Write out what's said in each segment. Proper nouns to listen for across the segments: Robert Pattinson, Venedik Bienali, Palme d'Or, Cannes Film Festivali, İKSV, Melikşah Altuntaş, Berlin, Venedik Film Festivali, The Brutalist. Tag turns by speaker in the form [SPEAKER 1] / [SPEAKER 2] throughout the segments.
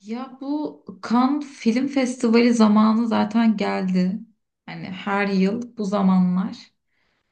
[SPEAKER 1] Ya bu Cannes Film Festivali zamanı zaten geldi. Hani her yıl bu zamanlar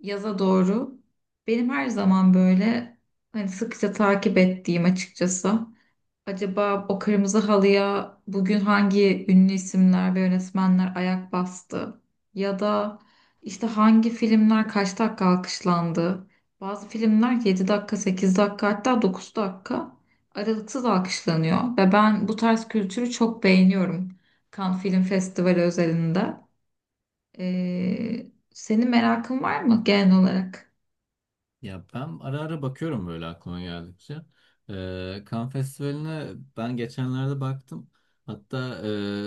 [SPEAKER 1] yaza doğru benim her zaman böyle hani sıkça takip ettiğim açıkçası. Acaba o kırmızı halıya bugün hangi ünlü isimler ve yönetmenler ayak bastı? Ya da işte hangi filmler kaç dakika alkışlandı? Bazı filmler 7 dakika, 8 dakika hatta 9 dakika aralıksız alkışlanıyor. Ve ben bu tarz kültürü çok beğeniyorum. Cannes Film Festivali özelinde. Senin merakın var mı genel olarak?
[SPEAKER 2] Ya ben ara ara bakıyorum böyle aklıma geldikçe. Cannes Festivali'ne ben geçenlerde baktım. Hatta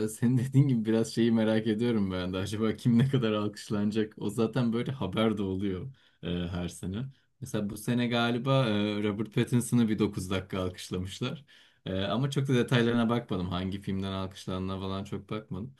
[SPEAKER 2] senin dediğin gibi biraz şeyi merak ediyorum ben de. Acaba kim ne kadar alkışlanacak? O zaten böyle haber de oluyor her sene. Mesela bu sene galiba Robert Pattinson'ı bir 9 dakika alkışlamışlar. Ama çok da detaylarına bakmadım. Hangi filmden alkışlandığına falan çok bakmadım.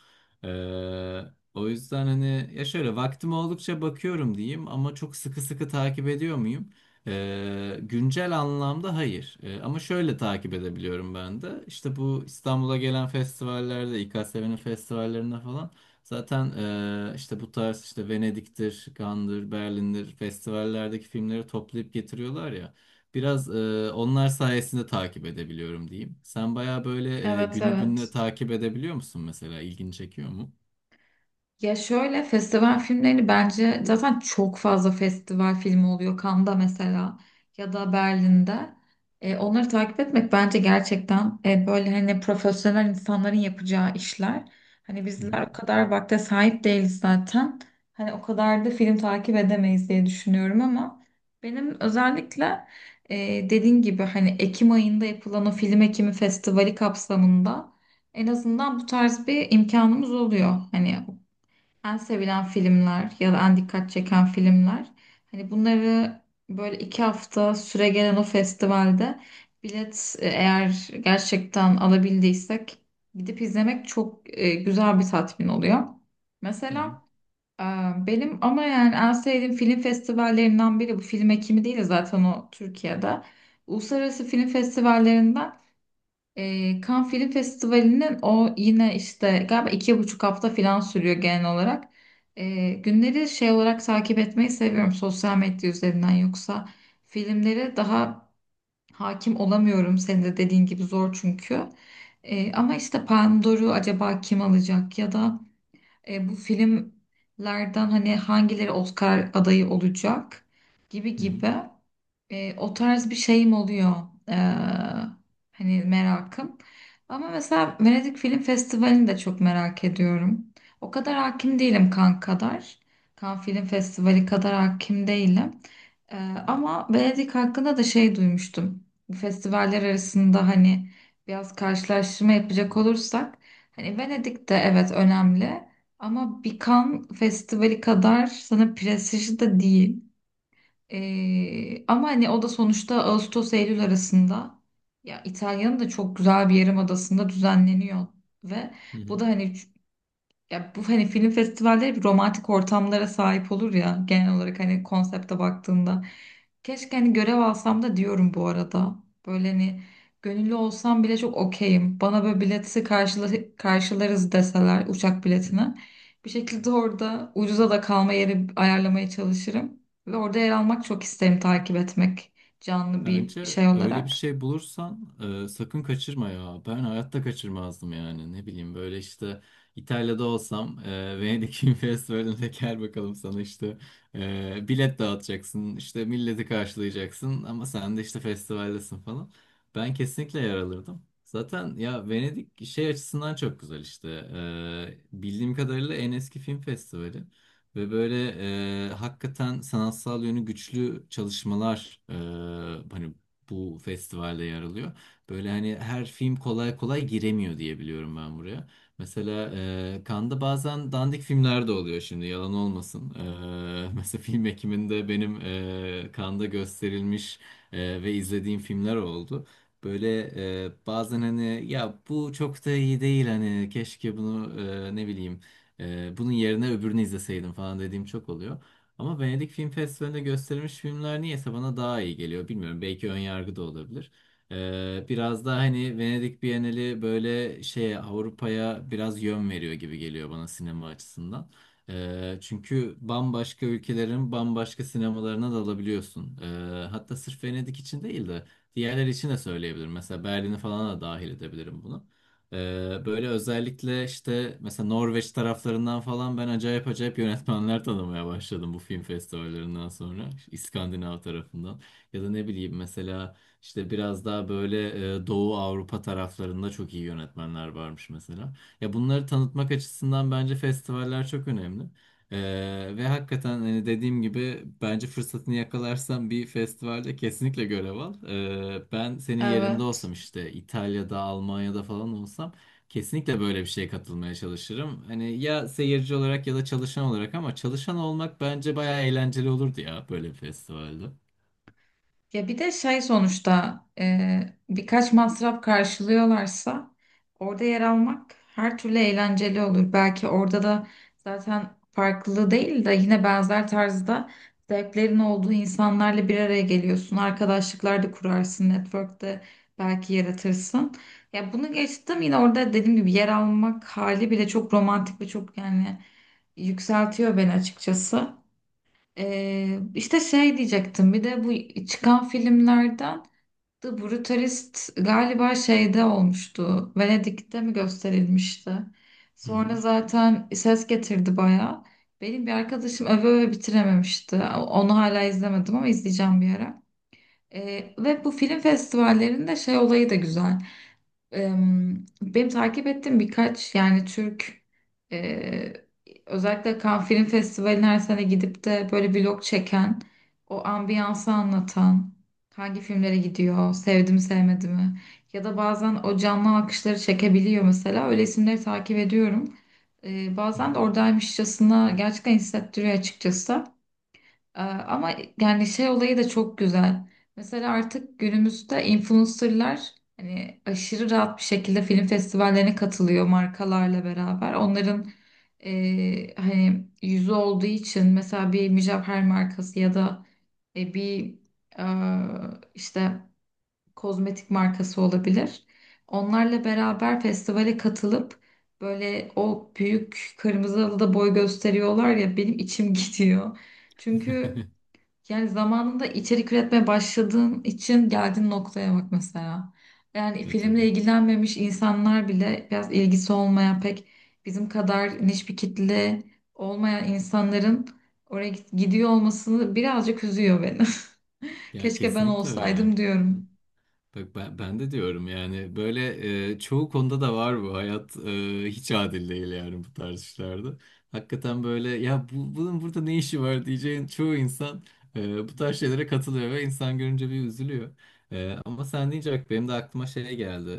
[SPEAKER 2] O yüzden hani ya şöyle vaktim oldukça bakıyorum diyeyim ama çok sıkı sıkı takip ediyor muyum? Güncel anlamda hayır. Ama şöyle takip edebiliyorum ben de. İşte bu İstanbul'a gelen festivallerde, İKSV'nin festivallerinde falan zaten işte bu tarz işte Venedik'tir, Cannes'dır, Berlin'dir festivallerdeki filmleri toplayıp getiriyorlar ya. Biraz onlar sayesinde takip edebiliyorum diyeyim. Sen baya böyle
[SPEAKER 1] Evet,
[SPEAKER 2] günü gününe
[SPEAKER 1] evet.
[SPEAKER 2] takip edebiliyor musun mesela? İlgini çekiyor mu?
[SPEAKER 1] Ya şöyle festival filmlerini bence zaten çok fazla festival filmi oluyor. Cannes'da mesela ya da Berlin'de. Onları takip etmek bence gerçekten böyle hani profesyonel insanların yapacağı işler. Hani bizler o kadar vakte sahip değiliz zaten. Hani o kadar da film takip edemeyiz diye düşünüyorum ama benim özellikle dediğin gibi hani Ekim ayında yapılan o Film Ekimi Festivali kapsamında en azından bu tarz bir imkanımız oluyor. Hani en sevilen filmler ya da en dikkat çeken filmler. Hani bunları böyle iki hafta süre gelen o festivalde bilet eğer gerçekten alabildiysek gidip izlemek çok güzel bir tatmin oluyor.
[SPEAKER 2] Hı hı,
[SPEAKER 1] Mesela e, benim ama yani en sevdiğim film festivallerinden biri bu film ekimi değil de zaten o Türkiye'de. Uluslararası Film Festivallerinden Cannes Film Festivali'nin o yine işte galiba iki buçuk hafta falan sürüyor genel olarak. Günleri şey olarak takip etmeyi seviyorum sosyal medya üzerinden yoksa filmlere daha hakim olamıyorum. Senin de dediğin gibi zor çünkü. Ama işte Palme d'Or'u acaba kim alacak ya da bu filmlerden hani hangileri Oscar adayı olacak gibi
[SPEAKER 2] hı hı,
[SPEAKER 1] gibi o tarz bir şeyim oluyor. E, Hani merakım. Ama mesela Venedik Film Festivali'ni de çok merak ediyorum. O kadar hakim değilim kan kadar. Kan Film Festivali kadar hakim değilim. E, Ama Venedik hakkında da şey duymuştum. Bu festivaller arasında hani biraz karşılaştırma yapacak olursak hani Venedik'te evet önemli. Ama bir Cannes Festivali kadar sana prestijli de değil. Ama hani o da sonuçta Ağustos-Eylül arasında ya İtalya'nın da çok güzel bir yarımadasında düzenleniyor ve
[SPEAKER 2] hı
[SPEAKER 1] bu
[SPEAKER 2] hı.
[SPEAKER 1] da hani ya bu hani film festivalleri bir romantik ortamlara sahip olur ya genel olarak hani konsepte baktığında. Keşke hani görev alsam da diyorum bu arada. Böyle hani gönüllü olsam bile çok okeyim. Bana böyle bileti karşıla karşılarız deseler uçak biletine. Bir şekilde orada ucuza da kalma yeri ayarlamaya çalışırım. Ve orada yer almak çok isterim takip etmek canlı bir
[SPEAKER 2] Bence
[SPEAKER 1] şey
[SPEAKER 2] öyle bir
[SPEAKER 1] olarak.
[SPEAKER 2] şey bulursan sakın kaçırma ya. Ben hayatta kaçırmazdım yani. Ne bileyim böyle işte İtalya'da olsam Venedik Film Festivali'ne gel bakalım sana işte bilet dağıtacaksın. İşte milleti karşılayacaksın ama sen de işte festivaldesin falan. Ben kesinlikle yer alırdım. Zaten ya Venedik şey açısından çok güzel işte. Bildiğim kadarıyla en eski film festivali. Ve böyle hakikaten sanatsal yönü güçlü çalışmalar hani bu festivalde yer alıyor. Böyle hani her film kolay kolay giremiyor diye biliyorum ben buraya. Mesela Cannes'da bazen dandik filmler de oluyor şimdi yalan olmasın. Mesela film ekiminde benim Cannes'da gösterilmiş ve izlediğim filmler oldu. Böyle bazen hani ya bu çok da iyi değil hani keşke bunu ne bileyim bunun yerine öbürünü izleseydim falan dediğim çok oluyor. Ama Venedik Film Festivali'nde gösterilmiş filmler niyeyse bana daha iyi geliyor. Bilmiyorum belki ön yargı da olabilir. Biraz daha hani Venedik Bienali böyle şeye Avrupa'ya biraz yön veriyor gibi geliyor bana sinema açısından. Çünkü bambaşka ülkelerin bambaşka sinemalarına dalabiliyorsun. Hatta sırf Venedik için değil de diğerler için de söyleyebilirim. Mesela Berlin'i falan da dahil edebilirim buna. Böyle özellikle işte mesela Norveç taraflarından falan ben acayip acayip yönetmenler tanımaya başladım bu film festivallerinden sonra. İskandinav tarafından. Ya da ne bileyim mesela işte biraz daha böyle Doğu Avrupa taraflarında çok iyi yönetmenler varmış mesela. Ya bunları tanıtmak açısından bence festivaller çok önemli. Ve hakikaten hani dediğim gibi bence fırsatını yakalarsan bir festivalde kesinlikle görev al. Ben senin yerinde olsam
[SPEAKER 1] Evet.
[SPEAKER 2] işte İtalya'da, Almanya'da falan olsam kesinlikle böyle bir şeye katılmaya çalışırım. Hani ya seyirci olarak ya da çalışan olarak ama çalışan olmak bence bayağı eğlenceli olurdu ya böyle bir festivalde.
[SPEAKER 1] Ya bir de şey sonuçta birkaç masraf karşılıyorlarsa orada yer almak her türlü eğlenceli olur. Belki orada da zaten farklı değil de yine benzer tarzda zevklerin olduğu insanlarla bir araya geliyorsun. Arkadaşlıklar da kurarsın, network de belki yaratırsın. Ya bunu geçtim yine orada dediğim gibi yer almak hali bile çok romantik ve çok yani yükseltiyor beni açıkçası. İşte şey diyecektim bir de bu çıkan filmlerden The Brutalist galiba şeyde olmuştu. Venedik'te mi gösterilmişti?
[SPEAKER 2] Hı
[SPEAKER 1] Sonra
[SPEAKER 2] hı.
[SPEAKER 1] zaten ses getirdi bayağı. Benim bir arkadaşım öve öve bitirememişti. Onu hala izlemedim ama izleyeceğim bir ara. Ve bu film festivallerinde şey olayı da güzel. Benim takip ettiğim birkaç yani Türk e, özellikle Cannes Film Festivali'ne her sene gidip de böyle vlog çeken o ambiyansı anlatan hangi filmlere gidiyor sevdi mi sevmedi mi ya da bazen o canlı alkışları çekebiliyor mesela öyle isimleri takip ediyorum.
[SPEAKER 2] Hı
[SPEAKER 1] Bazen
[SPEAKER 2] hı.
[SPEAKER 1] de oradaymışçasına gerçekten hissettiriyor açıkçası. Ama yani şey olayı da çok güzel. Mesela artık günümüzde influencerlar hani aşırı rahat bir şekilde film festivallerine katılıyor markalarla beraber. Onların hani yüzü olduğu için mesela bir mücevher markası ya da e, bir e, işte kozmetik markası olabilir. Onlarla beraber festivale katılıp böyle o büyük kırmızı halıda boy gösteriyorlar ya benim içim gidiyor. Çünkü yani zamanında içerik üretmeye başladığın için geldiğin noktaya bak mesela. Yani
[SPEAKER 2] Ya
[SPEAKER 1] filmle
[SPEAKER 2] tabii.
[SPEAKER 1] ilgilenmemiş insanlar bile biraz ilgisi olmayan pek bizim kadar niş bir kitle olmayan insanların gidiyor olmasını birazcık üzüyor beni.
[SPEAKER 2] Ya
[SPEAKER 1] Keşke ben
[SPEAKER 2] kesinlikle öyle.
[SPEAKER 1] olsaydım diyorum.
[SPEAKER 2] Bak ben de diyorum yani böyle çoğu konuda da var bu hayat hiç adil değil yani bu tarz işlerde. Hakikaten böyle ya bunun burada ne işi var diyeceğin çoğu insan bu tarz şeylere katılıyor ve insan görünce bir üzülüyor. Ama sen deyince bak benim de aklıma şey geldi.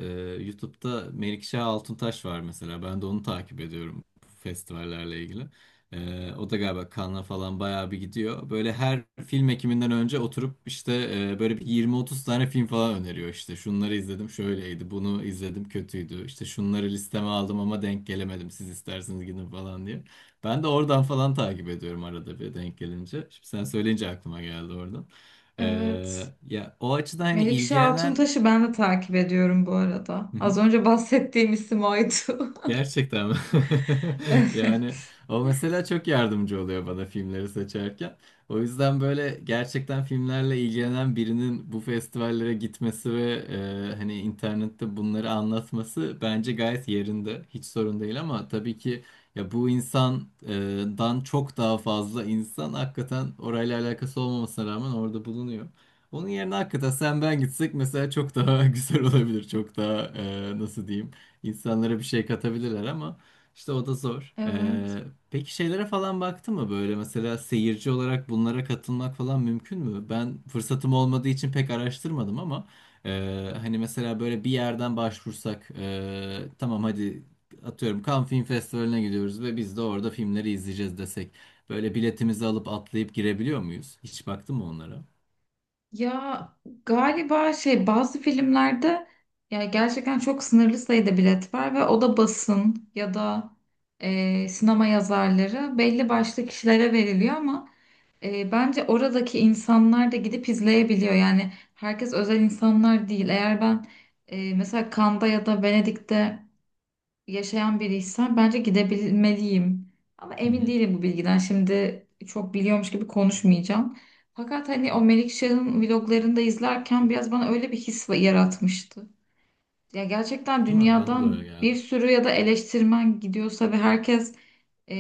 [SPEAKER 2] YouTube'da Melikşah Altuntaş var mesela ben de onu takip ediyorum bu festivallerle ilgili. O da galiba Cannes'a falan bayağı bir gidiyor. Böyle her film ekiminden önce oturup işte böyle bir 20-30 tane film falan öneriyor işte. Şunları izledim şöyleydi, bunu izledim kötüydü. İşte şunları listeme aldım ama denk gelemedim. Siz isterseniz gidin falan diye. Ben de oradan falan takip ediyorum arada bir denk gelince. Şimdi sen söyleyince aklıma geldi oradan. Ee,
[SPEAKER 1] Evet.
[SPEAKER 2] ya o açıdan hani
[SPEAKER 1] Melikşah
[SPEAKER 2] ilgilenen.
[SPEAKER 1] Altuntaş'ı ben de takip ediyorum bu arada. Az önce bahsettiğim isim oydu.
[SPEAKER 2] Gerçekten mi? Yani
[SPEAKER 1] Evet.
[SPEAKER 2] o mesela çok yardımcı oluyor bana filmleri seçerken. O yüzden böyle gerçekten filmlerle ilgilenen birinin bu festivallere gitmesi ve hani internette bunları anlatması bence gayet yerinde. Hiç sorun değil ama tabii ki ya bu insandan çok daha fazla insan hakikaten orayla alakası olmamasına rağmen orada bulunuyor. Onun yerine hakikaten sen ben gitsek mesela çok daha güzel olabilir. Çok daha nasıl diyeyim? İnsanlara bir şey katabilirler ama işte o da zor.
[SPEAKER 1] Evet.
[SPEAKER 2] Peki şeylere falan baktı mı böyle mesela seyirci olarak bunlara katılmak falan mümkün mü? Ben fırsatım olmadığı için pek araştırmadım ama hani mesela böyle bir yerden başvursak tamam hadi atıyorum Cannes Film Festivali'ne gidiyoruz ve biz de orada filmleri izleyeceğiz desek böyle biletimizi alıp atlayıp girebiliyor muyuz? Hiç baktın mı onlara?
[SPEAKER 1] Ya galiba şey bazı filmlerde ya gerçekten çok sınırlı sayıda bilet var ve o da basın ya da sinema yazarları belli başlı kişilere veriliyor ama bence oradaki insanlar da gidip izleyebiliyor. Yani herkes özel insanlar değil. Eğer ben mesela Cannes'da ya da Venedik'te yaşayan biriysen bence gidebilmeliyim. Ama
[SPEAKER 2] Hı
[SPEAKER 1] emin
[SPEAKER 2] hı.
[SPEAKER 1] değilim bu bilgiden. Şimdi çok biliyormuş gibi konuşmayacağım. Fakat hani o Melikşah'ın vloglarını da izlerken biraz bana öyle bir his yaratmıştı. Ya gerçekten
[SPEAKER 2] Değil mi? Bana da öyle
[SPEAKER 1] dünyadan bir
[SPEAKER 2] geldi.
[SPEAKER 1] sürü ya da eleştirmen gidiyorsa ve herkes e,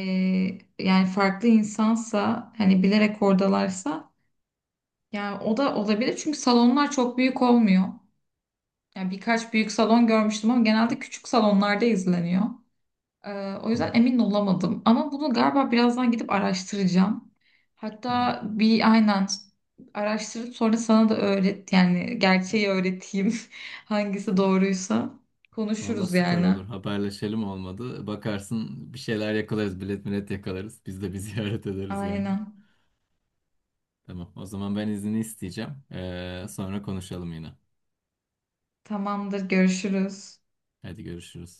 [SPEAKER 1] yani farklı insansa hani bilerek oradalarsa yani o da olabilir çünkü salonlar çok büyük olmuyor. Yani birkaç büyük salon görmüştüm ama genelde küçük salonlarda izleniyor. Ee, O
[SPEAKER 2] Hı
[SPEAKER 1] yüzden
[SPEAKER 2] hı.
[SPEAKER 1] emin olamadım. Ama bunu galiba birazdan gidip araştıracağım.
[SPEAKER 2] Hı hı.
[SPEAKER 1] Hatta bir aynen araştırıp sonra sana da öğret yani gerçeği öğreteyim. Hangisi doğruysa
[SPEAKER 2] Valla
[SPEAKER 1] konuşuruz
[SPEAKER 2] süper
[SPEAKER 1] yani.
[SPEAKER 2] olur. Haberleşelim olmadı. Bakarsın bir şeyler yakalarız. Bilet millet yakalarız. Biz de bir ziyaret ederiz yani.
[SPEAKER 1] Aynen.
[SPEAKER 2] Tamam. O zaman ben izni isteyeceğim. Sonra konuşalım yine.
[SPEAKER 1] Tamamdır, görüşürüz.
[SPEAKER 2] Hadi görüşürüz.